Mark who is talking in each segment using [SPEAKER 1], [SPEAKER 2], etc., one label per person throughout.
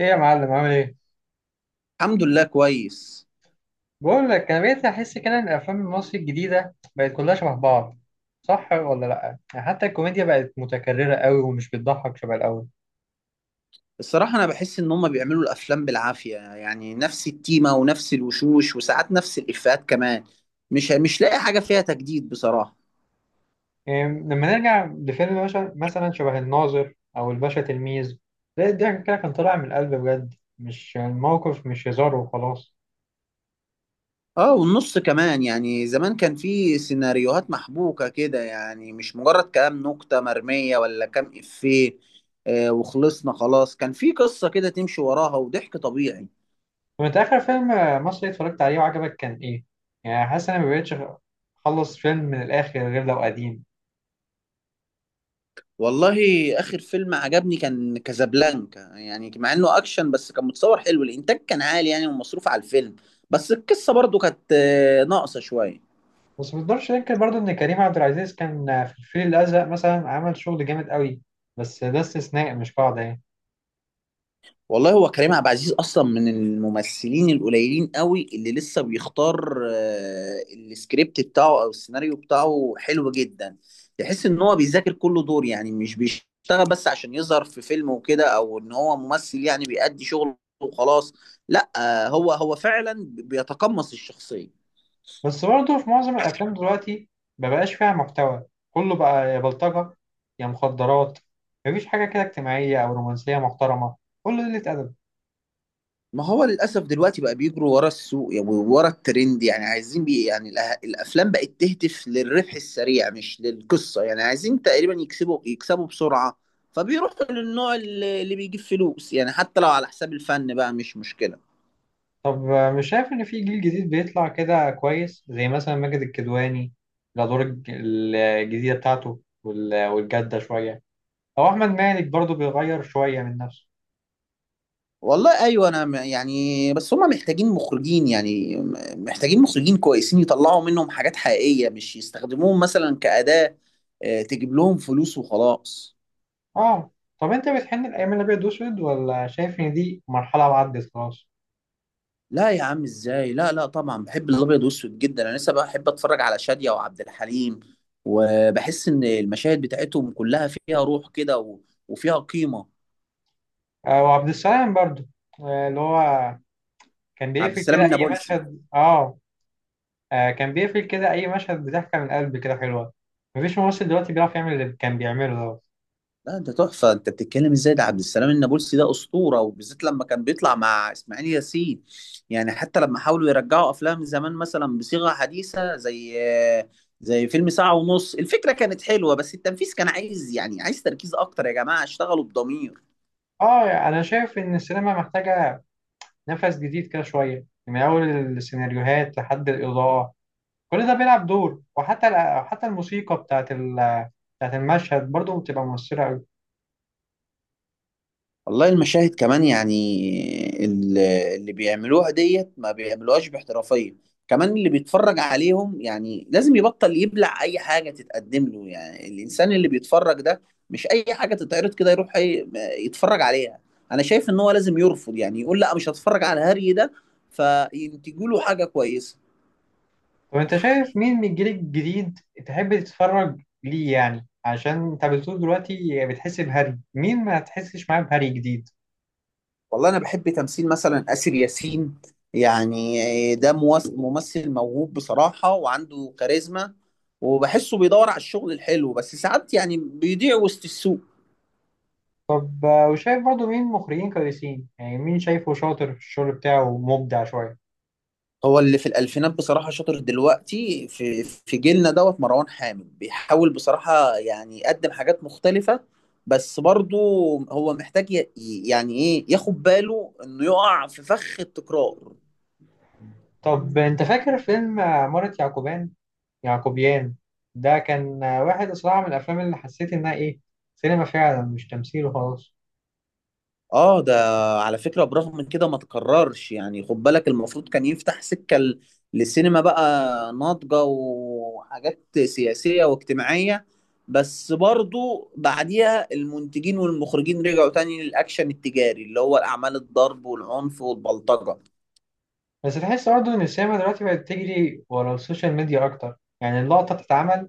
[SPEAKER 1] ايه يا معلم عامل ايه؟
[SPEAKER 2] الحمد لله، كويس.
[SPEAKER 1] بقول لك انا بقيت احس كده ان الافلام المصري الجديده بقت كلها شبه بعض. صح ولا لا؟ يعني حتى الكوميديا بقت متكرره قوي ومش بتضحك شبه الاول.
[SPEAKER 2] الصراحة أنا بحس إن هما بيعملوا الأفلام بالعافية، يعني نفس التيمة ونفس الوشوش وساعات نفس الإفيهات كمان. مش لاقي حاجة فيها تجديد بصراحة.
[SPEAKER 1] يعني لما نرجع لفيلم مثلا شبه الناظر او الباشا تلميذ، تلاقي الضحك كده كان طالع من القلب بجد، مش الموقف مش هزار وخلاص.
[SPEAKER 2] آه، والنص كمان، يعني زمان كان في سيناريوهات محبوكة كده، يعني مش مجرد كلام نكتة مرمية ولا كام إفيه. آه وخلصنا خلاص، كان في قصة كده تمشي وراها وضحك طبيعي.
[SPEAKER 1] طب انت اخر فيلم مصري اتفرجت عليه وعجبك كان ايه؟ يعني حاسس ان انا ما بقتش اخلص فيلم من الاخر غير لو قديم.
[SPEAKER 2] والله اخر فيلم عجبني كان كازابلانكا، يعني مع انه اكشن بس كان متصور حلو، الانتاج كان عالي يعني ومصروف على الفيلم. بس القصه برضو كانت ناقصه شويه.
[SPEAKER 1] بس ما نقدرش ننكر برضه ان كريم عبد العزيز كان في الفيل الازرق مثلا عمل شغل جامد قوي، بس ده استثناء مش قاعده يعني.
[SPEAKER 2] والله هو كريم عبد العزيز اصلا من الممثلين القليلين قوي اللي لسه بيختار، السكريبت بتاعه او السيناريو بتاعه حلو جدا. تحس ان هو بيذاكر كل دور، يعني مش بيشتغل بس عشان يظهر في فيلم وكده، او ان هو ممثل يعني بيأدي شغله وخلاص. لا هو فعلا بيتقمص الشخصية.
[SPEAKER 1] بس برضه في معظم الافلام دلوقتي ما بقاش فيها محتوى، كله بقى يا بلطجه يا مخدرات. مفيش حاجه كده اجتماعيه او رومانسيه محترمه، كله قله ادب.
[SPEAKER 2] ما هو للأسف دلوقتي بقى بيجروا ورا السوق، يعني ورا الترند، يعني عايزين بي يعني الأفلام بقت تهدف للربح السريع مش للقصة، يعني عايزين تقريبا يكسبوا بسرعة. فبيروحوا للنوع اللي بيجيب فلوس، يعني حتى لو على حساب الفن بقى مش مشكلة.
[SPEAKER 1] طب مش شايف ان في جيل جديد بيطلع كده كويس زي مثلا ماجد الكدواني؟ الادوار الجديده بتاعته والجاده شويه، او احمد مالك برضه بيغير شويه من نفسه.
[SPEAKER 2] والله أيوة، أنا يعني بس هما محتاجين مخرجين، يعني محتاجين مخرجين كويسين يطلعوا منهم حاجات حقيقية، مش يستخدموهم مثلا كأداة تجيب لهم فلوس وخلاص.
[SPEAKER 1] اه. طب انت بتحن الايام الابيض واسود ولا شايف ان دي مرحله وعدت خلاص؟
[SPEAKER 2] لا يا عم ازاي، لا لا طبعا بحب الابيض والاسود جدا، انا لسه بحب اتفرج على شادية وعبد الحليم، وبحس ان المشاهد بتاعتهم كلها فيها روح كده وفيها قيمة.
[SPEAKER 1] آه، وعبد السلام برضو. آه، اللي هو كان
[SPEAKER 2] عبد
[SPEAKER 1] بيقفل كده
[SPEAKER 2] السلام
[SPEAKER 1] اي
[SPEAKER 2] النابلسي.
[SPEAKER 1] مشهد، آه، كان بيقفل كده اي مشهد بضحكه من القلب، كده حلوه. مفيش ممثل دلوقتي بيعرف يعمل اللي كان بيعمله ده.
[SPEAKER 2] لا انت تحفة، انت بتتكلم ازاي؟ ده عبد السلام النابلسي ده اسطورة، وبالذات لما كان بيطلع مع اسماعيل ياسين. يعني حتى لما حاولوا يرجعوا افلام زمان مثلا بصيغة حديثة، زي فيلم ساعة ونص، الفكرة كانت حلوة بس التنفيذ كان عايز، يعني عايز تركيز اكتر، يا جماعة اشتغلوا بضمير.
[SPEAKER 1] اه. انا شايف ان السينما محتاجه نفس جديد كده شويه، من اول السيناريوهات لحد الاضاءه. كل ده بيلعب دور، وحتى حتى الموسيقى بتاعت المشهد برضو بتبقى مؤثره قوي.
[SPEAKER 2] والله المشاهد كمان، يعني اللي بيعملوها ديت ما بيعملوهاش باحترافية، كمان اللي بيتفرج عليهم يعني لازم يبطل يبلع أي حاجة تتقدم له، يعني الإنسان اللي بيتفرج ده مش أي حاجة تتعرض كده يروح يتفرج عليها. أنا شايف إن هو لازم يرفض، يعني يقول لا مش هتفرج على هري ده، فينتجوا له حاجة كويسة.
[SPEAKER 1] طب انت شايف مين من الجيل الجديد تحب تتفرج ليه؟ يعني عشان انت بتقول دلوقتي بتحس بهري مين ما تحسش معاه بهري جديد.
[SPEAKER 2] والله انا بحب تمثيل مثلا آسر ياسين، يعني ده ممثل موهوب بصراحة وعنده كاريزما، وبحسه بيدور على الشغل الحلو بس ساعات يعني بيضيع وسط السوق.
[SPEAKER 1] طب وشايف برضو مين مخرجين كويسين؟ يعني مين شايفه شاطر في الشغل بتاعه، مبدع شوية.
[SPEAKER 2] هو اللي في الألفينات بصراحة شاطر، دلوقتي في جيلنا دوت مروان حامد بيحاول بصراحة يعني يقدم حاجات مختلفة، بس برضه هو محتاج يعني ايه ياخد باله انه يقع في فخ التكرار.
[SPEAKER 1] طب انت فاكر فيلم عمارة يعقوبيان؟ ده كان واحد صراحة من الافلام اللي حسيت انها ايه، سينما فعلا مش تمثيل وخلاص.
[SPEAKER 2] اه ده على فكرة برغم من كده ما تكررش، يعني خد بالك المفروض كان يفتح سكة للسينما بقى ناضجة وحاجات سياسية واجتماعية، بس برضو بعديها المنتجين والمخرجين رجعوا تاني للأكشن التجاري اللي هو الأعمال الضرب والعنف والبلطجة.
[SPEAKER 1] بس تحس برضه ان السينما دلوقتي بقت تجري ورا السوشيال ميديا اكتر، يعني اللقطة بتتعمل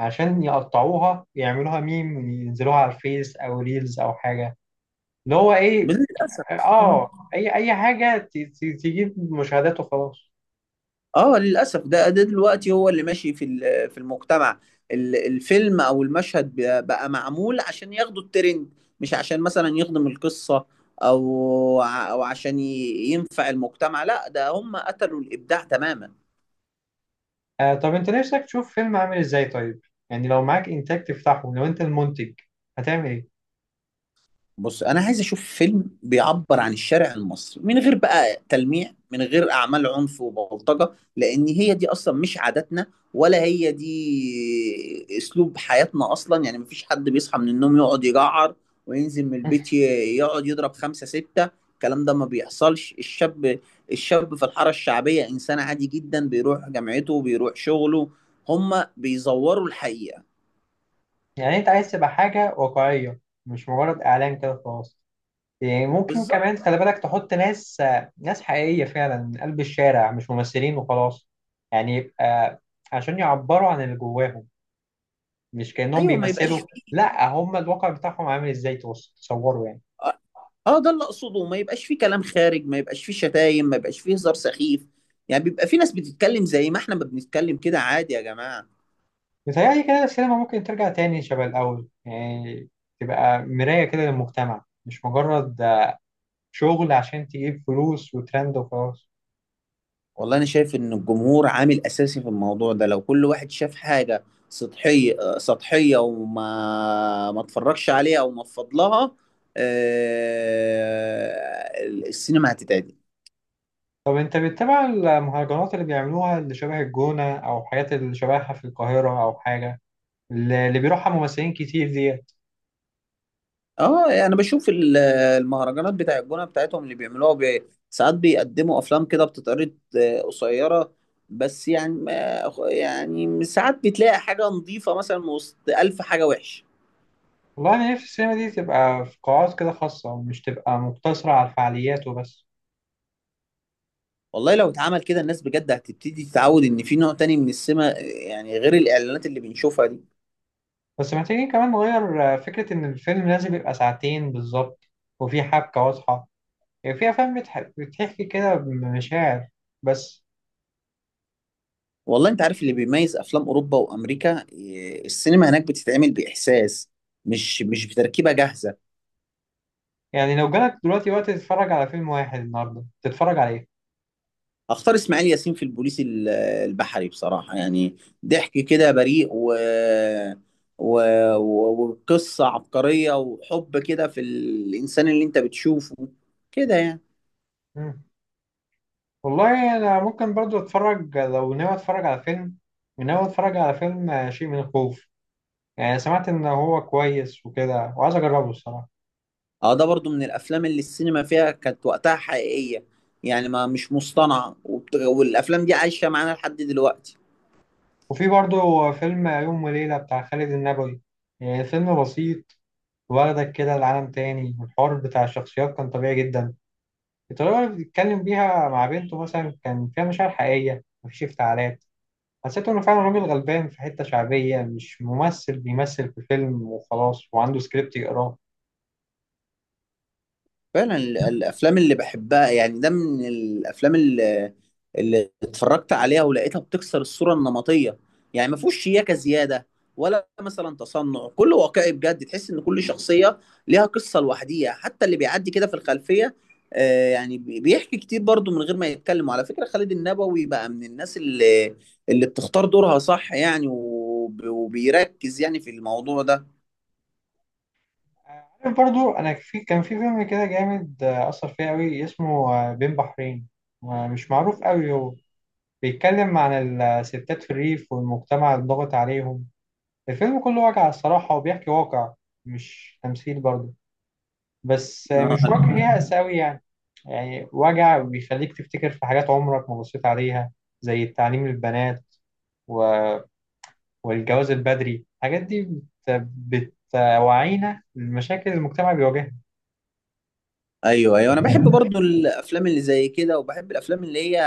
[SPEAKER 1] عشان يقطعوها يعملوها ميم وينزلوها على الفيس او ريلز او حاجه، اللي هو ايه.
[SPEAKER 2] للأسف.
[SPEAKER 1] اه، اي حاجه تجيب مشاهدات وخلاص.
[SPEAKER 2] اه للاسف ده دلوقتي هو اللي ماشي في في المجتمع. الفيلم او المشهد بقى معمول عشان ياخدوا الترند، مش عشان مثلا يخدم القصة، او او عشان ينفع المجتمع، لا ده هم قتلوا الابداع تماما.
[SPEAKER 1] آه، طب انت نفسك تشوف فيلم عامل ازاي طيب؟ يعني لو معاك انتاج تفتحه، لو انت المنتج هتعمل ايه؟
[SPEAKER 2] بص انا عايز اشوف فيلم بيعبر عن الشارع المصري من غير بقى تلميع، من غير اعمال عنف وبلطجه، لان هي دي اصلا مش عاداتنا، ولا هي دي اسلوب حياتنا اصلا. يعني مفيش حد بيصحى من النوم يقعد يجعر وينزل من البيت يقعد يضرب خمسة ستة، الكلام ده ما بيحصلش. الشاب، الشاب في الحاره الشعبيه انسان عادي جدا، بيروح جامعته بيروح شغله، هما بيزوروا الحقيقه.
[SPEAKER 1] يعني انت عايز تبقى حاجه واقعيه، مش مجرد اعلان كده خلاص. يعني ممكن
[SPEAKER 2] بالظبط.
[SPEAKER 1] كمان خلي بالك تحط ناس ناس حقيقيه فعلا من قلب الشارع، مش ممثلين وخلاص. يعني يبقى عشان يعبروا عن اللي جواهم، مش كأنهم
[SPEAKER 2] ايوه ما يبقاش
[SPEAKER 1] بيمثلوا.
[SPEAKER 2] فيه.
[SPEAKER 1] لا، هم الواقع بتاعهم عامل ازاي تصوروا يعني.
[SPEAKER 2] اه ده اللي اقصده، ما يبقاش فيه كلام خارج، ما يبقاش فيه شتايم، ما يبقاش فيه هزار سخيف، يعني بيبقى في ناس بتتكلم زي ما احنا ما بنتكلم كده، عادي يا جماعة.
[SPEAKER 1] متهيألي كده السينما ممكن ترجع تاني شبه الأول، يعني تبقى مراية كده للمجتمع، مش مجرد شغل عشان تجيب فلوس وترند وخلاص.
[SPEAKER 2] والله انا شايف ان الجمهور عامل اساسي في الموضوع ده، لو كل واحد شاف حاجة سطحية سطحية وما ما اتفرجش عليها او ما فضلها، السينما هتتعدل.
[SPEAKER 1] طب انت بتتابع المهرجانات اللي بيعملوها، اللي شبه الجونة او حاجات اللي شبهها في القاهرة او حاجة؟ اللي بيروحها ممثلين كتير ديت.
[SPEAKER 2] اه يعني انا بشوف المهرجانات بتاع الجونه بتاعتهم اللي بيعملوها ساعات بيقدموا افلام كده بتتعرض قصيره، بس يعني ما... يعني ساعات بتلاقي حاجه نظيفه مثلا من وسط الف حاجه وحشه.
[SPEAKER 1] والله انا نفسي السينما دي تبقى في قاعات كده خاصة، مش تبقى مقتصرة على الفعاليات وبس.
[SPEAKER 2] والله لو اتعمل كده الناس بجد هتبتدي تتعود ان في نوع تاني من السينما يعني غير الاعلانات اللي بنشوفها دي.
[SPEAKER 1] بس محتاجين كمان نغير فكرة إن الفيلم لازم يبقى ساعتين بالظبط، وفي حبكة واضحة. يعني في أفلام بتحكي كده بمشاعر بس.
[SPEAKER 2] والله انت عارف اللي بيميز افلام اوروبا وامريكا السينما هناك بتتعمل باحساس، مش بتركيبه جاهزه.
[SPEAKER 1] يعني لو جالك دلوقتي وقت تتفرج على فيلم واحد النهاردة، تتفرج على إيه؟
[SPEAKER 2] اختار اسماعيل ياسين في البوليس البحري بصراحه، يعني ضحك كده بريء و... وقصه عبقريه وحب كده في الانسان اللي انت بتشوفه كده يعني.
[SPEAKER 1] مم. والله أنا ممكن برضو أتفرج. لو ناوي أتفرج على فيلم، شيء من الخوف. يعني سمعت إن هو كويس وكده، وعايز أجربه الصراحة.
[SPEAKER 2] اه ده برضو من الافلام اللي السينما فيها كانت وقتها حقيقيه، يعني ما مش مصطنعه والافلام دي عايشه معانا لحد دلوقتي.
[SPEAKER 1] وفي برضو فيلم يوم وليلة بتاع خالد النبوي. يعني فيلم بسيط، واخدك كده لعالم تاني. الحوار بتاع الشخصيات كان طبيعي جدا. الطريقة اللي بيتكلم بيها مع بنته مثلا كان فيها مشاعر حقيقية، مفيش افتعالات. حسيت إنه فعلا راجل غلبان في حتة شعبية، مش ممثل بيمثل في فيلم وخلاص وعنده سكريبت يقراه.
[SPEAKER 2] فعلا الافلام اللي بحبها، يعني ده من الافلام اللي اتفرجت عليها ولقيتها بتكسر الصوره النمطيه، يعني ما فيهوش شياكه زياده، ولا مثلا تصنع، كله واقعي بجد، تحس ان كل شخصيه ليها قصه لوحديها حتى اللي بيعدي كده في الخلفيه يعني بيحكي كتير برضو من غير ما يتكلم. وعلى فكره خالد النبوي بقى من الناس اللي، اللي بتختار دورها صح، يعني وبيركز يعني في الموضوع ده
[SPEAKER 1] عارف برضو أنا كان في فيلم كده جامد أثر فيا أوي، اسمه بين بحرين. مش معروف أوي هو. بيتكلم عن الستات في الريف والمجتمع الضاغط عليهم. الفيلم كله واقع الصراحة، وبيحكي واقع، مش تمثيل برضه. بس مش
[SPEAKER 2] آه،
[SPEAKER 1] وجع ليها أساوي يعني، يعني وجع بيخليك تفتكر في حاجات عمرك ما بصيت عليها، زي التعليم للبنات، و... والجواز البدري، الحاجات دي بت... بتوعينا المشاكل المجتمع بيواجهها.
[SPEAKER 2] ايوه ايوه انا بحب برضو الافلام اللي زي كده، وبحب الافلام اللي هي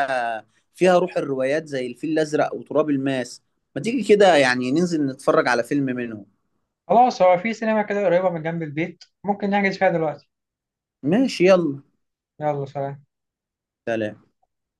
[SPEAKER 2] فيها روح الروايات زي الفيل الازرق وتراب الماس. ما تيجي كده يعني ننزل نتفرج على فيلم منهم.
[SPEAKER 1] خلاص، هو في سينما كده قريبة من جنب البيت، ممكن نحجز فيها دلوقتي.
[SPEAKER 2] ماشي يلا.
[SPEAKER 1] يلا سلام.
[SPEAKER 2] سلام.